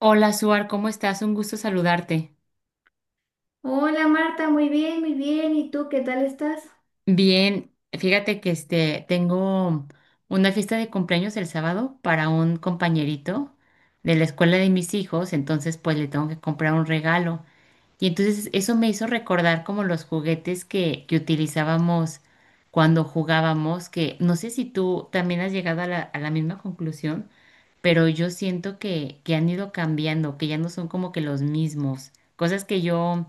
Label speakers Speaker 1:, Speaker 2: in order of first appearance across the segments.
Speaker 1: Hola, Suar, ¿cómo estás? Un gusto saludarte.
Speaker 2: Hola Marta, muy bien, muy bien. ¿Y tú qué tal estás?
Speaker 1: Bien, fíjate que este tengo una fiesta de cumpleaños el sábado para un compañerito de la escuela de mis hijos, entonces pues le tengo que comprar un regalo. Y entonces eso me hizo recordar como los juguetes que utilizábamos cuando jugábamos, que no sé si tú también has llegado a la misma conclusión, pero yo siento que han ido cambiando, que ya no son como que los mismos. Cosas que yo,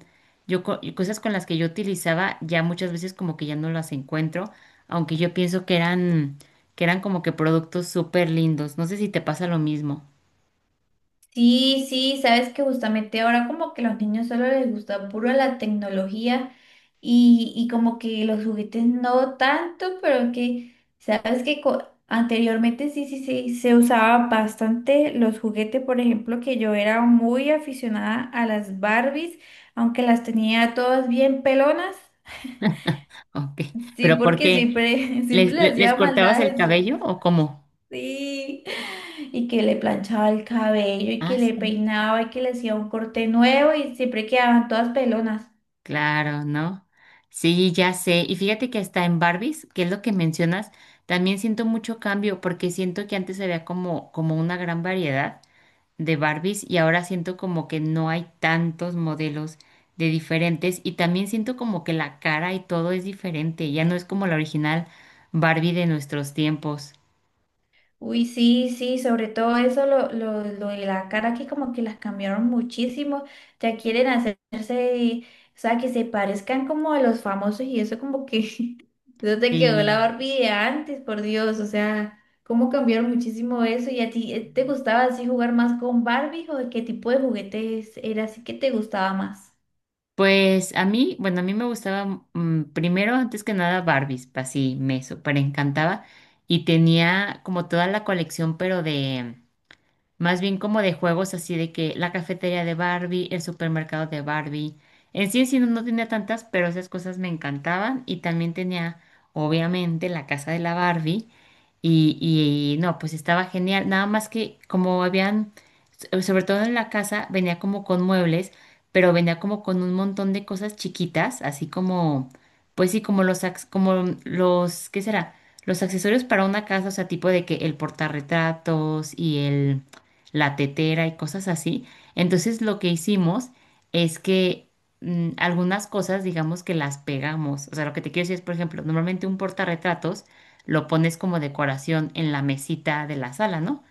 Speaker 1: Cosas con las que yo utilizaba, ya muchas veces como que ya no las encuentro, aunque yo pienso que eran como que productos súper lindos. No sé si te pasa lo mismo.
Speaker 2: Sí, sí, sabes que justamente ahora como que los niños solo les gusta puro la tecnología y como que los juguetes no tanto, pero que sabes que anteriormente sí, sí, sí, se usaba bastante los juguetes, por ejemplo, que yo era muy aficionada a las Barbies, aunque las tenía todas bien pelonas,
Speaker 1: Ok.
Speaker 2: sí,
Speaker 1: ¿Pero por
Speaker 2: porque
Speaker 1: qué?
Speaker 2: siempre, siempre le
Speaker 1: Les
Speaker 2: hacía
Speaker 1: cortabas el
Speaker 2: maldades.
Speaker 1: cabello o cómo?
Speaker 2: Sí, y que le planchaba el cabello y
Speaker 1: Ah,
Speaker 2: que le
Speaker 1: sí.
Speaker 2: peinaba y que le hacía un corte nuevo y siempre quedaban todas pelonas.
Speaker 1: Claro, ¿no? Sí, ya sé. Y fíjate que hasta en Barbies, que es lo que mencionas, también siento mucho cambio porque siento que antes había como una gran variedad de Barbies y ahora siento como que no hay tantos modelos de diferentes y también siento como que la cara y todo es diferente. Ya no es como la original Barbie de nuestros tiempos.
Speaker 2: Uy, sí, sí, sobre todo eso, lo de la cara que como que las cambiaron muchísimo, ya quieren hacerse, o sea, que se parezcan como a los famosos y eso como que, eso te quedó la
Speaker 1: Sí.
Speaker 2: Barbie de antes, por Dios, o sea, cómo cambiaron muchísimo eso. Y a ti, ¿te gustaba así jugar más con Barbie o qué tipo de juguetes era así que te gustaba más?
Speaker 1: Pues a mí, bueno, a mí me gustaba primero, antes que nada, Barbies, así me súper encantaba y tenía como toda la colección, más bien como de juegos así de que la cafetería de Barbie, el supermercado de Barbie. En sí no, no tenía tantas, pero esas cosas me encantaban. Y también tenía, obviamente, la casa de la Barbie. Y no, pues estaba genial. Nada más que como habían, sobre todo en la casa, venía como con muebles, pero venía como con un montón de cosas chiquitas, así como, pues sí, como como los, ¿qué será? Los accesorios para una casa, o sea, tipo de que el portarretratos y el la tetera y cosas así. Entonces lo que hicimos es que algunas cosas, digamos que las pegamos. O sea, lo que te quiero decir es, por ejemplo, normalmente un portarretratos lo pones como decoración en la mesita de la sala, ¿no?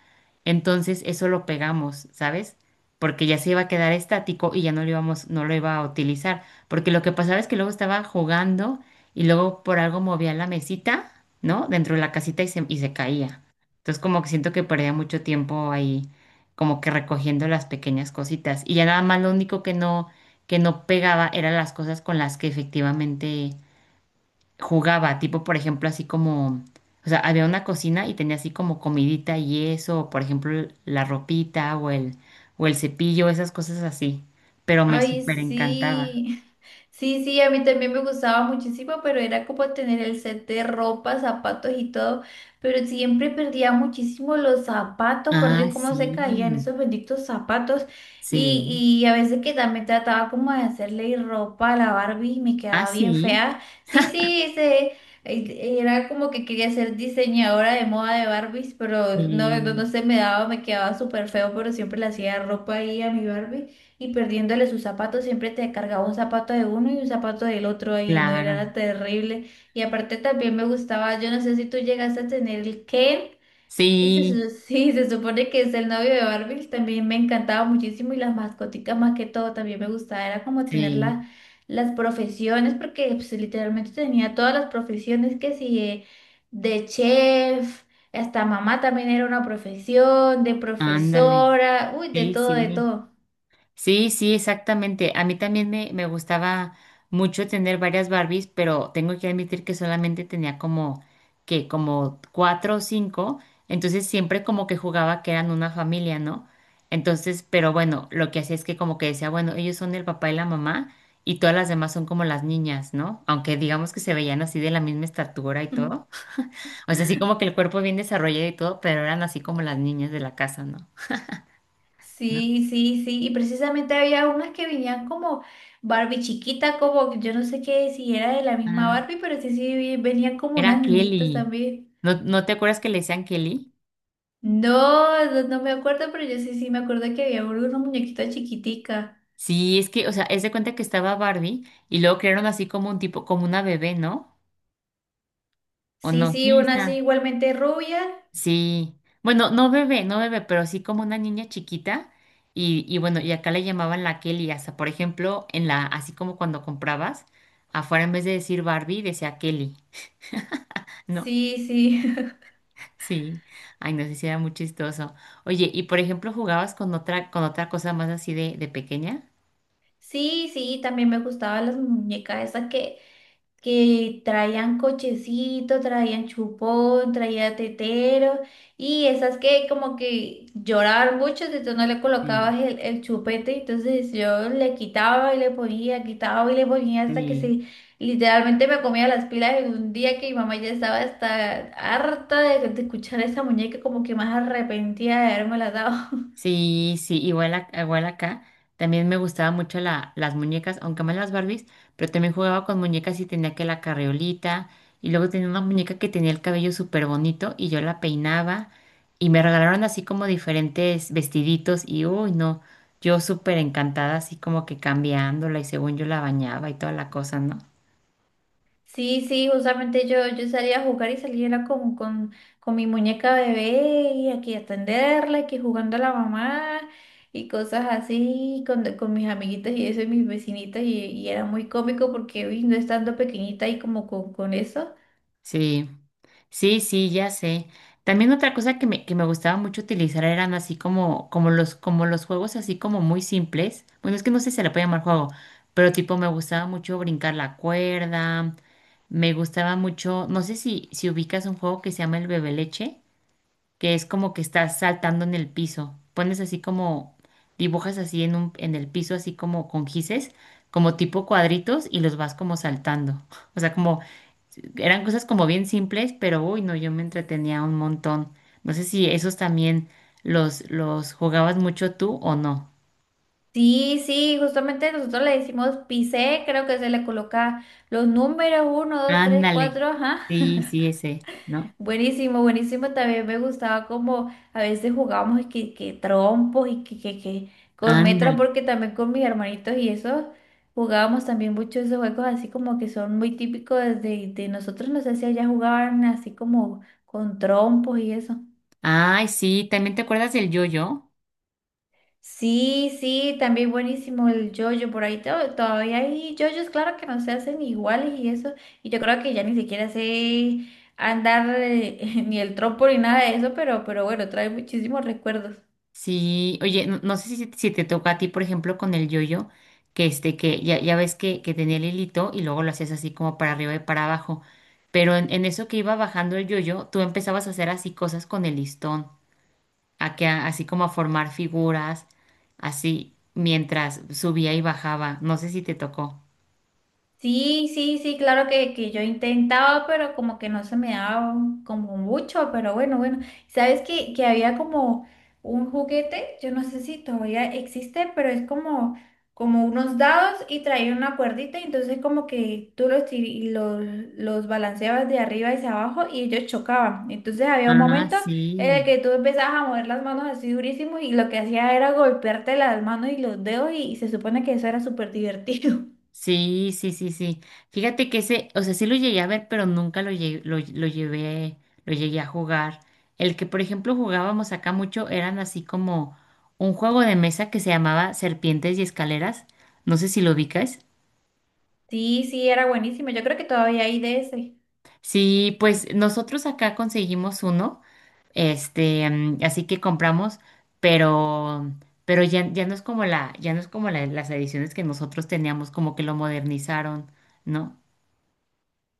Speaker 1: Entonces eso lo pegamos, ¿sabes? Porque ya se iba a quedar estático y ya no no lo iba a utilizar. Porque lo que pasaba es que luego estaba jugando y luego por algo movía la mesita, ¿no? Dentro de la casita y se caía. Entonces como que siento que perdía mucho tiempo ahí como que recogiendo las pequeñas cositas. Y ya nada más lo único que no pegaba eran las cosas con las que efectivamente jugaba. Tipo, por ejemplo, así como, o sea, había una cocina y tenía así como comidita y eso, o por ejemplo, la ropita o el cepillo, esas cosas así. Pero me
Speaker 2: Ay,
Speaker 1: súper encantaba.
Speaker 2: sí. Sí, sí, a mí también me gustaba muchísimo, pero era como tener el set de ropa, zapatos y todo, pero siempre perdía muchísimo los zapatos, por Dios,
Speaker 1: Ah,
Speaker 2: cómo se caían
Speaker 1: sí,
Speaker 2: esos benditos zapatos.
Speaker 1: sí.
Speaker 2: Y a veces que también trataba como de hacerle ropa a la Barbie y me
Speaker 1: Ah,
Speaker 2: quedaba bien
Speaker 1: sí,
Speaker 2: fea. Sí, sí, se, era como que quería ser diseñadora de moda de Barbies, pero no, no,
Speaker 1: sí,
Speaker 2: no se me daba, me quedaba súper feo, pero siempre le hacía ropa ahí a mi Barbie. Y perdiéndole sus zapatos, siempre te cargaba un zapato de uno y un zapato del otro ahí, no era
Speaker 1: claro.
Speaker 2: terrible. Y aparte también me gustaba, yo no sé si tú llegaste a tener el Ken, que se,
Speaker 1: Sí,
Speaker 2: sí, se supone que es el novio de Barbie, también me encantaba muchísimo y las mascoticas más que todo también me gustaba, era como tener
Speaker 1: sí,
Speaker 2: las profesiones, porque pues, literalmente tenía todas las profesiones que si de chef. Hasta mamá también era una profesión, de
Speaker 1: ándale.
Speaker 2: profesora, uy, de
Speaker 1: Sí,
Speaker 2: todo, de
Speaker 1: sí.
Speaker 2: todo.
Speaker 1: Sí, sí, exactamente. A mí también me gustaba mucho tener varias Barbies, pero tengo que admitir que solamente tenía como cuatro o cinco, entonces siempre como que jugaba que eran una familia, ¿no? Entonces, pero bueno, lo que hacía es que como que decía, bueno, ellos son el papá y la mamá y todas las demás son como las niñas, ¿no? Aunque digamos que se veían así de la misma estatura y todo. O sea, así como que el cuerpo bien desarrollado y todo, pero eran así como las niñas de la casa, ¿no? ¿No?
Speaker 2: Sí, sí, sí. Y precisamente había unas que venían como Barbie chiquita, como que yo no sé qué si era de la misma
Speaker 1: Ah.
Speaker 2: Barbie, pero sí, sí, venían como
Speaker 1: Era
Speaker 2: unas niñitas
Speaker 1: Kelly.
Speaker 2: también.
Speaker 1: ¿No, no te acuerdas que le decían Kelly?
Speaker 2: No, no, no me acuerdo, pero yo sí, sí me acuerdo que había una muñequita chiquitica.
Speaker 1: Sí, es que, o sea, es de cuenta que estaba Barbie y luego crearon así como un tipo, como una bebé, ¿no? ¿O
Speaker 2: Sí,
Speaker 1: no?
Speaker 2: sí,
Speaker 1: Sí,
Speaker 2: una así
Speaker 1: está.
Speaker 2: igualmente rubia.
Speaker 1: Sí. Bueno, no bebé, no bebé, pero sí como una niña chiquita. Y bueno, y acá le llamaban la Kelly, hasta por ejemplo, en la, así como cuando comprabas, afuera en vez de decir Barbie, decía Kelly, ¿no?
Speaker 2: Sí, sí.
Speaker 1: Sí. Ay, no sé si era muy chistoso. Oye, y por ejemplo, ¿jugabas con con otra cosa más así de pequeña?
Speaker 2: Sí, sí, también me gustaban las muñecas esas que traían cochecito, traían chupón, traía tetero y esas que como que lloraban mucho, entonces no le
Speaker 1: Sí,
Speaker 2: colocabas el chupete, entonces yo le quitaba y le ponía, quitaba y le ponía hasta que
Speaker 1: sí.
Speaker 2: se literalmente me comía las pilas en un día que mi mamá ya estaba hasta harta de escuchar a esa muñeca como que más arrepentida de haberme la dado.
Speaker 1: Sí, sí, igual, igual acá. También me gustaba mucho las muñecas, aunque más las Barbies, pero también jugaba con muñecas y tenía que la carriolita. Y luego tenía una muñeca que tenía el cabello súper bonito y yo la peinaba. Y me regalaron así como diferentes vestiditos y uy, no, yo súper encantada, así como que cambiándola y según yo la bañaba y toda la cosa, ¿no?
Speaker 2: Sí, sí, justamente yo salía a jugar y salía era como con mi muñeca bebé y aquí atenderla, aquí jugando a la mamá y cosas así con mis amiguitas y eso y mis vecinitas y era muy cómico porque uy, no estando pequeñita y como con eso.
Speaker 1: Sí, sí, sí, ya sé. También otra cosa que me gustaba mucho utilizar eran así como, como como los juegos así como muy simples. Bueno, es que no sé si se le puede llamar juego, pero tipo me gustaba mucho brincar la cuerda, me gustaba mucho, no sé si ubicas un juego que se llama el bebe leche, que es como que estás saltando en el piso. Pones así como, dibujas así en el piso, así como con gises, como tipo cuadritos, y los vas como saltando. O sea, como eran cosas como bien simples, pero uy, no, yo me entretenía un montón. No sé si esos también los jugabas mucho tú o no.
Speaker 2: Sí, sí, justamente nosotros le decimos pisé, creo que se le coloca los números uno, dos, tres,
Speaker 1: Ándale.
Speaker 2: cuatro, ajá.
Speaker 1: Sí, sí, ese, ¿no?
Speaker 2: Buenísimo, buenísimo. También me gustaba como a veces jugábamos que trompos y que con metras,
Speaker 1: Ándale.
Speaker 2: porque también con mis hermanitos y eso jugábamos también mucho esos juegos así como que son muy típicos de nosotros. No sé si allá jugaban así como con trompos y eso.
Speaker 1: Ay, sí, ¿también te acuerdas del yo-yo?
Speaker 2: Sí, sí, también buenísimo el yoyo. Por ahí todavía hay yoyos, claro que no se hacen iguales y eso. Y yo creo que ya ni siquiera sé andar ni el trompo ni nada de eso, pero bueno, trae muchísimos recuerdos.
Speaker 1: Sí, oye, no, no sé si te toca a ti, por ejemplo, con el yo-yo, que este, que ya, ya ves que tenía el hilito y luego lo hacías así como para arriba y para abajo. Pero en eso que iba bajando el yo-yo, tú empezabas a hacer así cosas con el listón. A que así como a formar figuras, así mientras subía y bajaba. No sé si te tocó.
Speaker 2: Sí, sí, sí, claro que yo intentaba, pero como que no se me daba como mucho, pero bueno, bueno. ¿Sabes que había como un juguete? Yo no sé si todavía existe, pero es como, como unos dados y traía una cuerdita, y entonces como que tú los, los balanceabas de arriba hacia abajo y ellos chocaban. Entonces había un
Speaker 1: Ah,
Speaker 2: momento en el
Speaker 1: sí.
Speaker 2: que tú empezabas a mover las manos así durísimo y lo que hacía era golpearte las manos y los dedos y se supone que eso era súper divertido.
Speaker 1: Sí, sí, sí, sí. Fíjate que ese, o sea, sí lo llegué a ver, pero nunca lo llevé, lo llegué a jugar. El que, por ejemplo, jugábamos acá mucho eran así como un juego de mesa que se llamaba Serpientes y Escaleras. No sé si lo ubicas.
Speaker 2: Sí, sí, era buenísimo. Yo creo que todavía hay de ese.
Speaker 1: Sí, pues nosotros acá conseguimos uno. Este, así que compramos, pero, pero ya, ya no es como ya no es como las ediciones que nosotros teníamos, como que lo modernizaron, ¿no?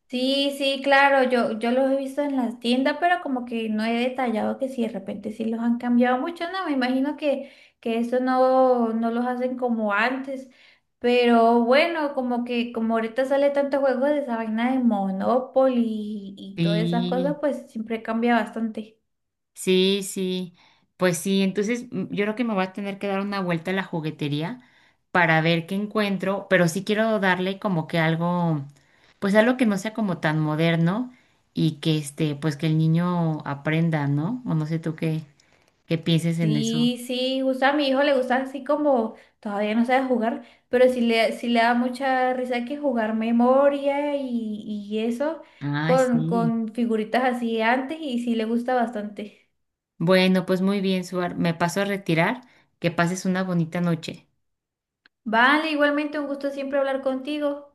Speaker 2: Sí, sí, claro, yo los he visto en las tiendas, pero como que no he detallado que si de repente sí los han cambiado mucho, no, me imagino que eso no, no los hacen como antes. Pero bueno, como que como ahorita sale tanto juego de esa vaina de Monopoly y todas esas
Speaker 1: Sí,
Speaker 2: cosas, pues siempre cambia bastante.
Speaker 1: sí, sí. Pues sí, entonces yo creo que me voy a tener que dar una vuelta a la juguetería para ver qué encuentro, pero sí quiero darle como que algo, pues algo que no sea como tan moderno y que este, pues que el niño aprenda, ¿no? O no sé tú qué pienses en eso.
Speaker 2: Sí, sí, justo a mi hijo le gusta así como todavía no sabe jugar, pero sí le da mucha risa que jugar memoria y eso
Speaker 1: Ay, sí.
Speaker 2: con figuritas así antes y sí le gusta bastante.
Speaker 1: Bueno, pues muy bien, Suar. Me paso a retirar. Que pases una bonita noche.
Speaker 2: Vale, igualmente un gusto siempre hablar contigo.